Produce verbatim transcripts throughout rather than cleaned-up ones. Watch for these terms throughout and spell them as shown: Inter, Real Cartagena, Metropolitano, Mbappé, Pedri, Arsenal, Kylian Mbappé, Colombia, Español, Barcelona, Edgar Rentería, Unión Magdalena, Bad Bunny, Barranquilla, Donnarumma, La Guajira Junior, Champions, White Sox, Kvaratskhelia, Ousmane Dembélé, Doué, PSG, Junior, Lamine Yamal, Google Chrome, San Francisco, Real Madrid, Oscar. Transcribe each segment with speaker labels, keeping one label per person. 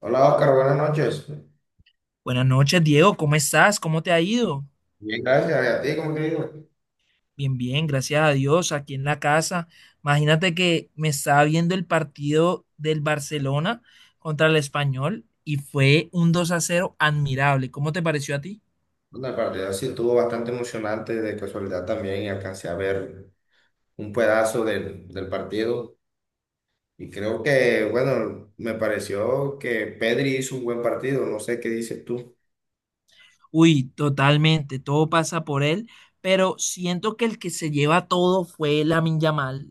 Speaker 1: Hola Oscar, buenas noches.
Speaker 2: Buenas noches, Diego. ¿Cómo estás? ¿Cómo te ha ido?
Speaker 1: Bien, gracias. ¿Y a ti cómo te digo?
Speaker 2: Bien, bien, gracias a Dios, aquí en la casa. Imagínate que me estaba viendo el partido del Barcelona contra el Español y fue un dos a cero admirable. ¿Cómo te pareció a ti?
Speaker 1: Bueno, el partido sí estuvo bastante emocionante. De casualidad también y alcancé a ver un pedazo del, del partido. Y creo que, bueno, me pareció que Pedri hizo un buen partido. No sé qué dices tú.
Speaker 2: Uy, totalmente, todo pasa por él, pero siento que el que se lleva todo fue Lamine Yamal,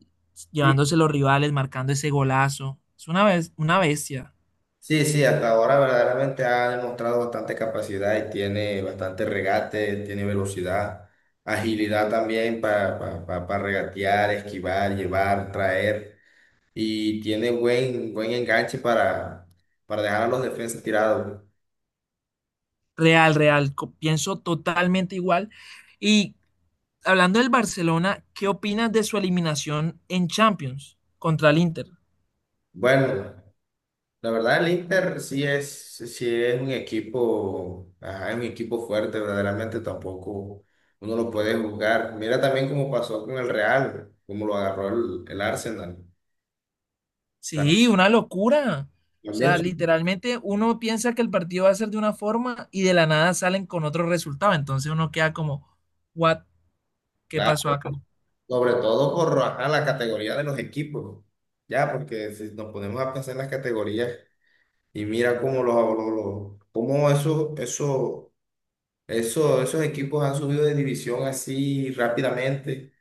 Speaker 1: Sí,
Speaker 2: llevándose los rivales, marcando ese golazo. Es una, bes- una bestia.
Speaker 1: sí, sí, hasta ahora verdaderamente ha demostrado bastante capacidad y tiene bastante regate, tiene velocidad, agilidad también para, para regatear, esquivar, llevar, traer. Y tiene buen, buen enganche para, para dejar a los defensas tirados.
Speaker 2: Real, real. Co- Pienso totalmente igual. Y Hablando del Barcelona, ¿qué opinas de su eliminación en Champions contra el Inter?
Speaker 1: Bueno, la verdad el Inter sí es, sí es un equipo, ajá, es un equipo fuerte, verdaderamente tampoco uno lo puede juzgar. Mira también cómo pasó con el Real, cómo lo agarró el, el Arsenal. Ta-
Speaker 2: Sí, una locura. O
Speaker 1: También,
Speaker 2: sea,
Speaker 1: su-
Speaker 2: literalmente uno piensa que el partido va a ser de una forma y de la nada salen con otro resultado. Entonces uno queda como, what, ¿qué
Speaker 1: claro,
Speaker 2: pasó acá?
Speaker 1: sobre todo por ajá, la categoría de los equipos, ya, porque si nos ponemos a pensar en las categorías y mira cómo los, los- los- cómo esos, esos Eso- esos equipos han subido de división así rápidamente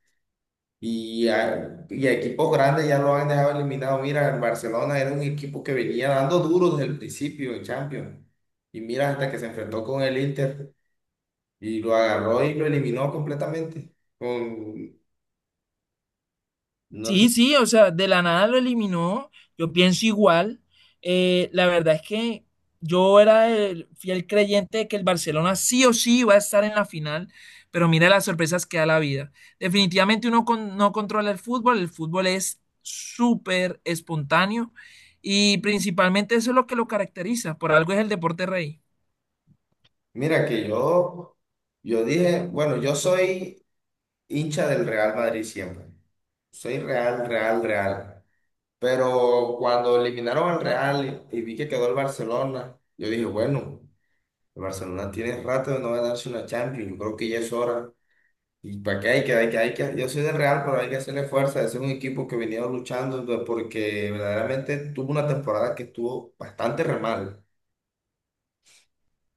Speaker 1: y, a- y a equipos grandes ya lo han dejado eliminado. Mira, el Barcelona era un equipo que venía dando duro desde el principio en Champions. Y mira, hasta que se enfrentó con el Inter y lo agarró y lo eliminó completamente. Con, no sé.
Speaker 2: Sí, sí, o sea, de la nada lo eliminó. Yo pienso igual. Eh, la verdad es que yo era el fiel creyente de que el Barcelona sí o sí iba a estar en la final, pero mira las sorpresas que da la vida. Definitivamente uno con- no controla el fútbol, el fútbol es súper espontáneo y principalmente eso es lo que lo caracteriza, por algo es el deporte rey.
Speaker 1: Mira que yo, yo dije, bueno, yo soy hincha del Real Madrid siempre. Soy real, real, real. Pero cuando eliminaron al Real y, y vi que quedó el Barcelona, yo dije, bueno, el Barcelona tiene rato de no ganarse una Champions, yo creo que ya es hora. ¿Y para qué hay que, hay que, hay que? Yo soy del Real, pero hay que hacerle fuerza. Ese es un equipo que venía luchando pues, porque verdaderamente tuvo una temporada que estuvo bastante re mal.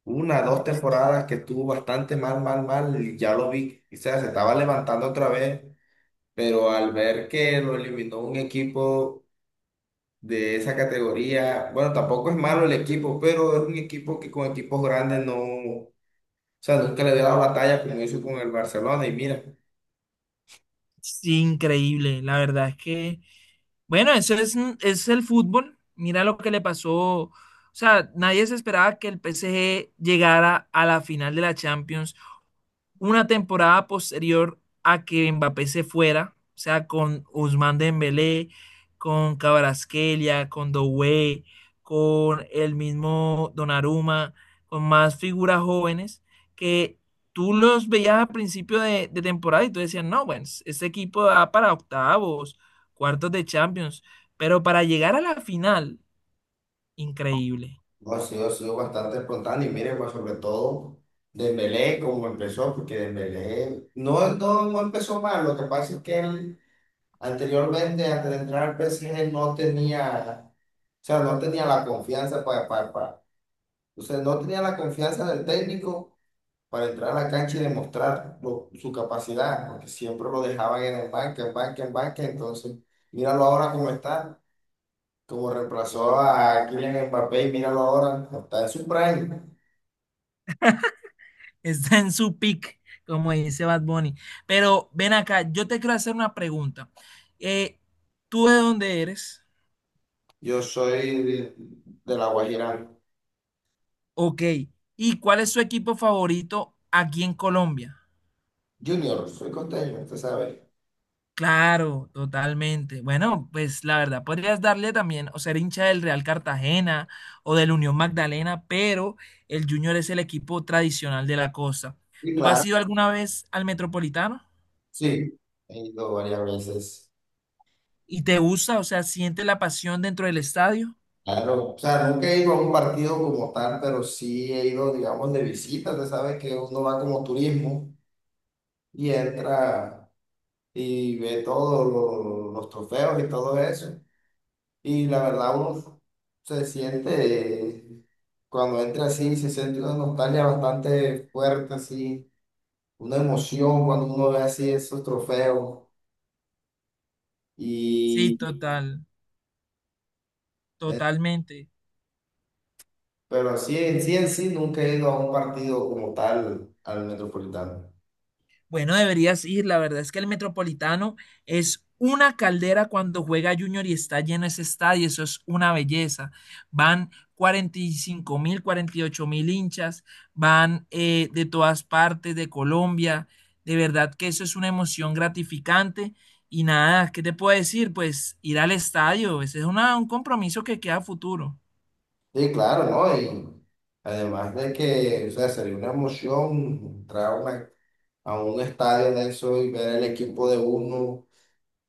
Speaker 1: Una, dos temporadas que estuvo bastante mal, mal, mal. Y ya lo vi, o sea, se estaba levantando otra vez, pero al ver que lo eliminó un equipo de esa categoría. Bueno, tampoco es malo el equipo, pero es un equipo que con equipos grandes no, o sea, nunca le había dado la talla como hizo con el Barcelona. Y mira,
Speaker 2: Sí, increíble. La verdad es que, bueno, eso es, es el fútbol. Mira lo que le pasó. O sea, nadie se esperaba que el P S G llegara a la final de la Champions una temporada posterior a que Mbappé se fuera, o sea, con Ousmane Dembélé, con Kvaratskhelia, con Doué, con el mismo Donnarumma, con más figuras jóvenes que tú los veías a principio de, de temporada y tú decías, no, bueno, este equipo da para octavos, cuartos de Champions, pero para llegar a la final, increíble.
Speaker 1: no, ha sido, ha sido bastante espontáneo. Y mira, pues sobre todo Dembélé, como empezó, porque Dembélé no, no, no empezó mal. Lo que pasa es que él anteriormente, antes de entrar al P S G, no tenía. O sea, no tenía la confianza para, para, para. O sea, no tenía la confianza del técnico para entrar a la cancha y demostrar lo- su capacidad, porque siempre lo dejaban en el banco, en banca, en banca, entonces míralo ahora cómo está, como reemplazó a Kylian Mbappé y míralo ahora, está en su prime.
Speaker 2: Está en su peak, como dice Bad Bunny. Pero ven acá, yo te quiero hacer una pregunta. Eh, ¿tú de dónde eres?
Speaker 1: Yo soy de, de La Guajira.
Speaker 2: Ok. ¿Y cuál es su equipo favorito aquí en Colombia?
Speaker 1: Junior, soy costeño, usted sabe.
Speaker 2: Claro, totalmente. Bueno, pues la verdad, podrías darle también o ser hincha del Real Cartagena o del Unión Magdalena, pero el Junior es el equipo tradicional de la costa.
Speaker 1: Y
Speaker 2: ¿Tú has
Speaker 1: claro,
Speaker 2: ido alguna vez al Metropolitano?
Speaker 1: sí, he ido varias veces.
Speaker 2: ¿Y te gusta? O sea, ¿sientes la pasión dentro del estadio?
Speaker 1: Claro, o sea, nunca he ido a un partido como tal, pero sí he ido, digamos, de visita, usted sabe que uno va como turismo y entra y ve todos lo- los trofeos y todo eso. Y la verdad uno se siente, eh, cuando entra así, se siente una nostalgia bastante fuerte, así, una emoción cuando uno ve así esos trofeos.
Speaker 2: Sí,
Speaker 1: Y,
Speaker 2: total.
Speaker 1: eh,
Speaker 2: Totalmente.
Speaker 1: pero sí, en sí, en sí, nunca he ido a un partido como tal al Metropolitano.
Speaker 2: Bueno, deberías ir. La verdad es que el Metropolitano es una caldera cuando juega Junior y está lleno ese estadio. Eso es una belleza. Van cuarenta y cinco mil, cuarenta y ocho mil hinchas, van eh, de todas partes de Colombia. De verdad que eso es una emoción gratificante. Y nada, ¿qué te puedo decir? Pues ir al estadio. Ese es una- un compromiso que queda a futuro.
Speaker 1: Sí, claro, ¿no? Y además de que, o sea, sería una emoción entrar a una- a un estadio de eso y ver el equipo de uno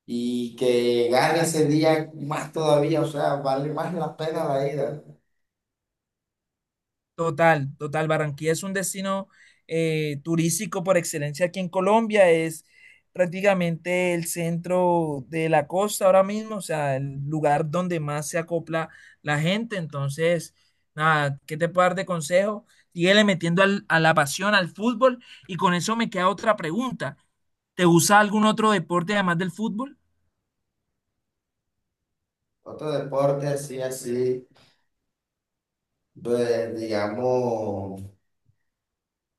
Speaker 1: y que gane ese día más todavía, o sea, vale más la pena la ida.
Speaker 2: Total, total. Barranquilla es un destino eh, turístico por excelencia aquí en Colombia. Es prácticamente el centro de la costa ahora mismo, o sea, el lugar donde más se acopla la gente. Entonces, nada, ¿qué te puedo dar de consejo? Síguele metiendo al- a la pasión al fútbol y con eso me queda otra pregunta. ¿Te gusta algún otro deporte además del fútbol?
Speaker 1: Otro deporte así, así, pues, digamos,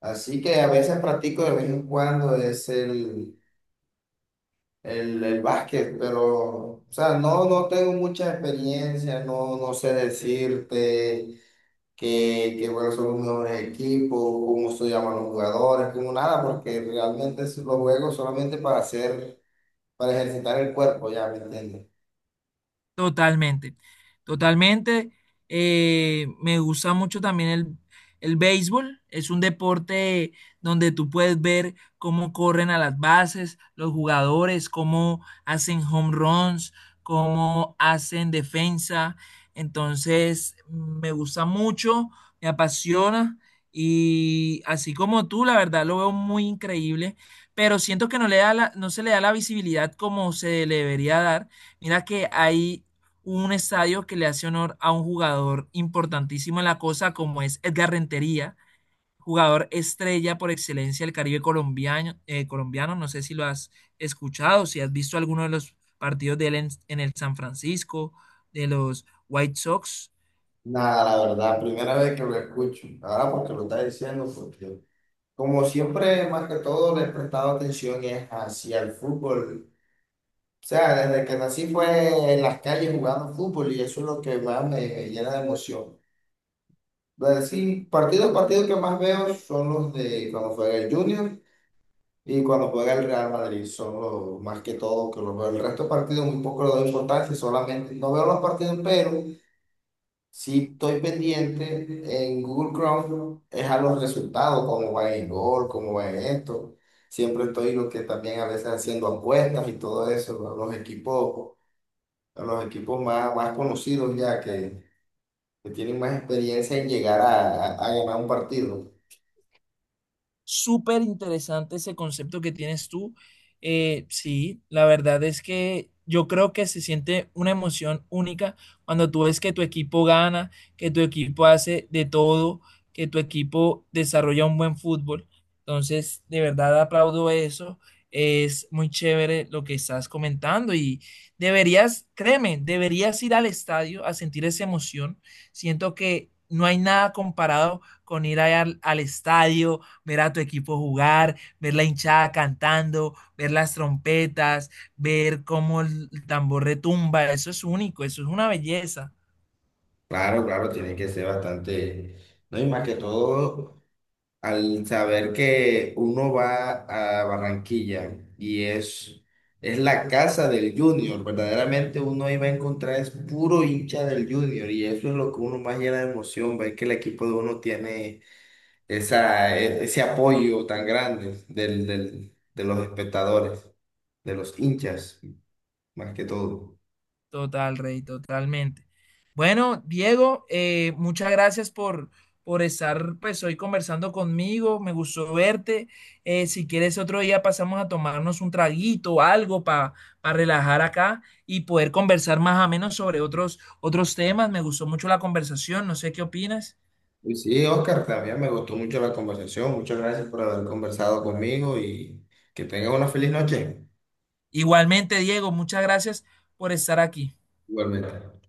Speaker 1: así que a veces practico de vez en cuando es el, el, el básquet, pero, o sea, no, no tengo mucha experiencia, no, no sé decirte. Que, que bueno, son los mejores equipos, cómo se llaman los jugadores, como nada, porque realmente los juego solamente para hacer, para ejercitar el cuerpo, ya, ¿me entiendes?
Speaker 2: Totalmente, totalmente. Eh, me gusta mucho también el, el béisbol. Es un deporte donde tú puedes ver cómo corren a las bases los jugadores, cómo hacen home runs, cómo hacen defensa. Entonces, me gusta mucho, me apasiona y así como tú, la verdad lo veo muy increíble, pero siento que no le da la- no se le da la visibilidad como se le debería dar. Mira que hay un estadio que le hace honor a un jugador importantísimo en la cosa, como es Edgar Rentería, jugador estrella por excelencia del Caribe colombiano, eh, colombiano. No sé si lo has escuchado, si has visto alguno de los partidos de él en, en el San Francisco, de los White Sox.
Speaker 1: Nada, la verdad, primera vez que lo escucho. Ahora porque lo está diciendo, porque como siempre, más que todo, le he prestado atención es hacia el fútbol. O sea, desde que nací fue en las calles jugando fútbol y eso es lo que más me llena de emoción. Entonces, sí, partidos, partidos que más veo son los de cuando juega el Junior y cuando juega el Real Madrid. Son los más que todo que los veo. El resto de partidos muy poco le doy importancia, solamente no veo los partidos, pero. Si estoy pendiente en Google Chrome, es a los resultados, cómo va el gol, cómo va esto. Siempre estoy lo que también a veces haciendo apuestas y todo eso, ¿no? Los equipos, los equipos más, más conocidos ya que, que tienen más experiencia en llegar a, a- a ganar un partido.
Speaker 2: Súper interesante ese concepto que tienes tú. Eh, sí, la verdad es que yo creo que se siente una emoción única cuando tú ves que tu equipo gana, que tu equipo hace de todo, que tu equipo desarrolla un buen fútbol. Entonces, de verdad aplaudo eso. Es muy chévere lo que estás comentando y deberías, créeme, deberías ir al estadio a sentir esa emoción. Siento que no hay nada comparado con ir allá al al estadio ver a tu equipo jugar, ver la hinchada cantando, ver las trompetas, ver cómo el tambor retumba, eso es único, eso es una belleza.
Speaker 1: Claro, claro, tiene que ser bastante, no y más que todo al saber que uno va a Barranquilla y es, es la casa del Junior, verdaderamente uno iba a encontrar es puro hincha del Junior y eso es lo que uno más llena de emoción, ver que el equipo de uno tiene esa, e- ese apoyo tan grande del, del- de los espectadores, de los hinchas, más que todo.
Speaker 2: Total, Rey, totalmente. Bueno, Diego, eh, muchas gracias por, por estar pues hoy conversando conmigo, me gustó verte. Eh, si quieres otro día pasamos a tomarnos un traguito o algo para relajar acá y poder conversar más o menos sobre otros, otros temas. Me gustó mucho la conversación, no sé qué opinas.
Speaker 1: Y sí, Oscar, también me gustó mucho la conversación. Muchas gracias por haber conversado conmigo y que tengas una feliz noche.
Speaker 2: Igualmente, Diego, muchas gracias por estar aquí.
Speaker 1: Igualmente.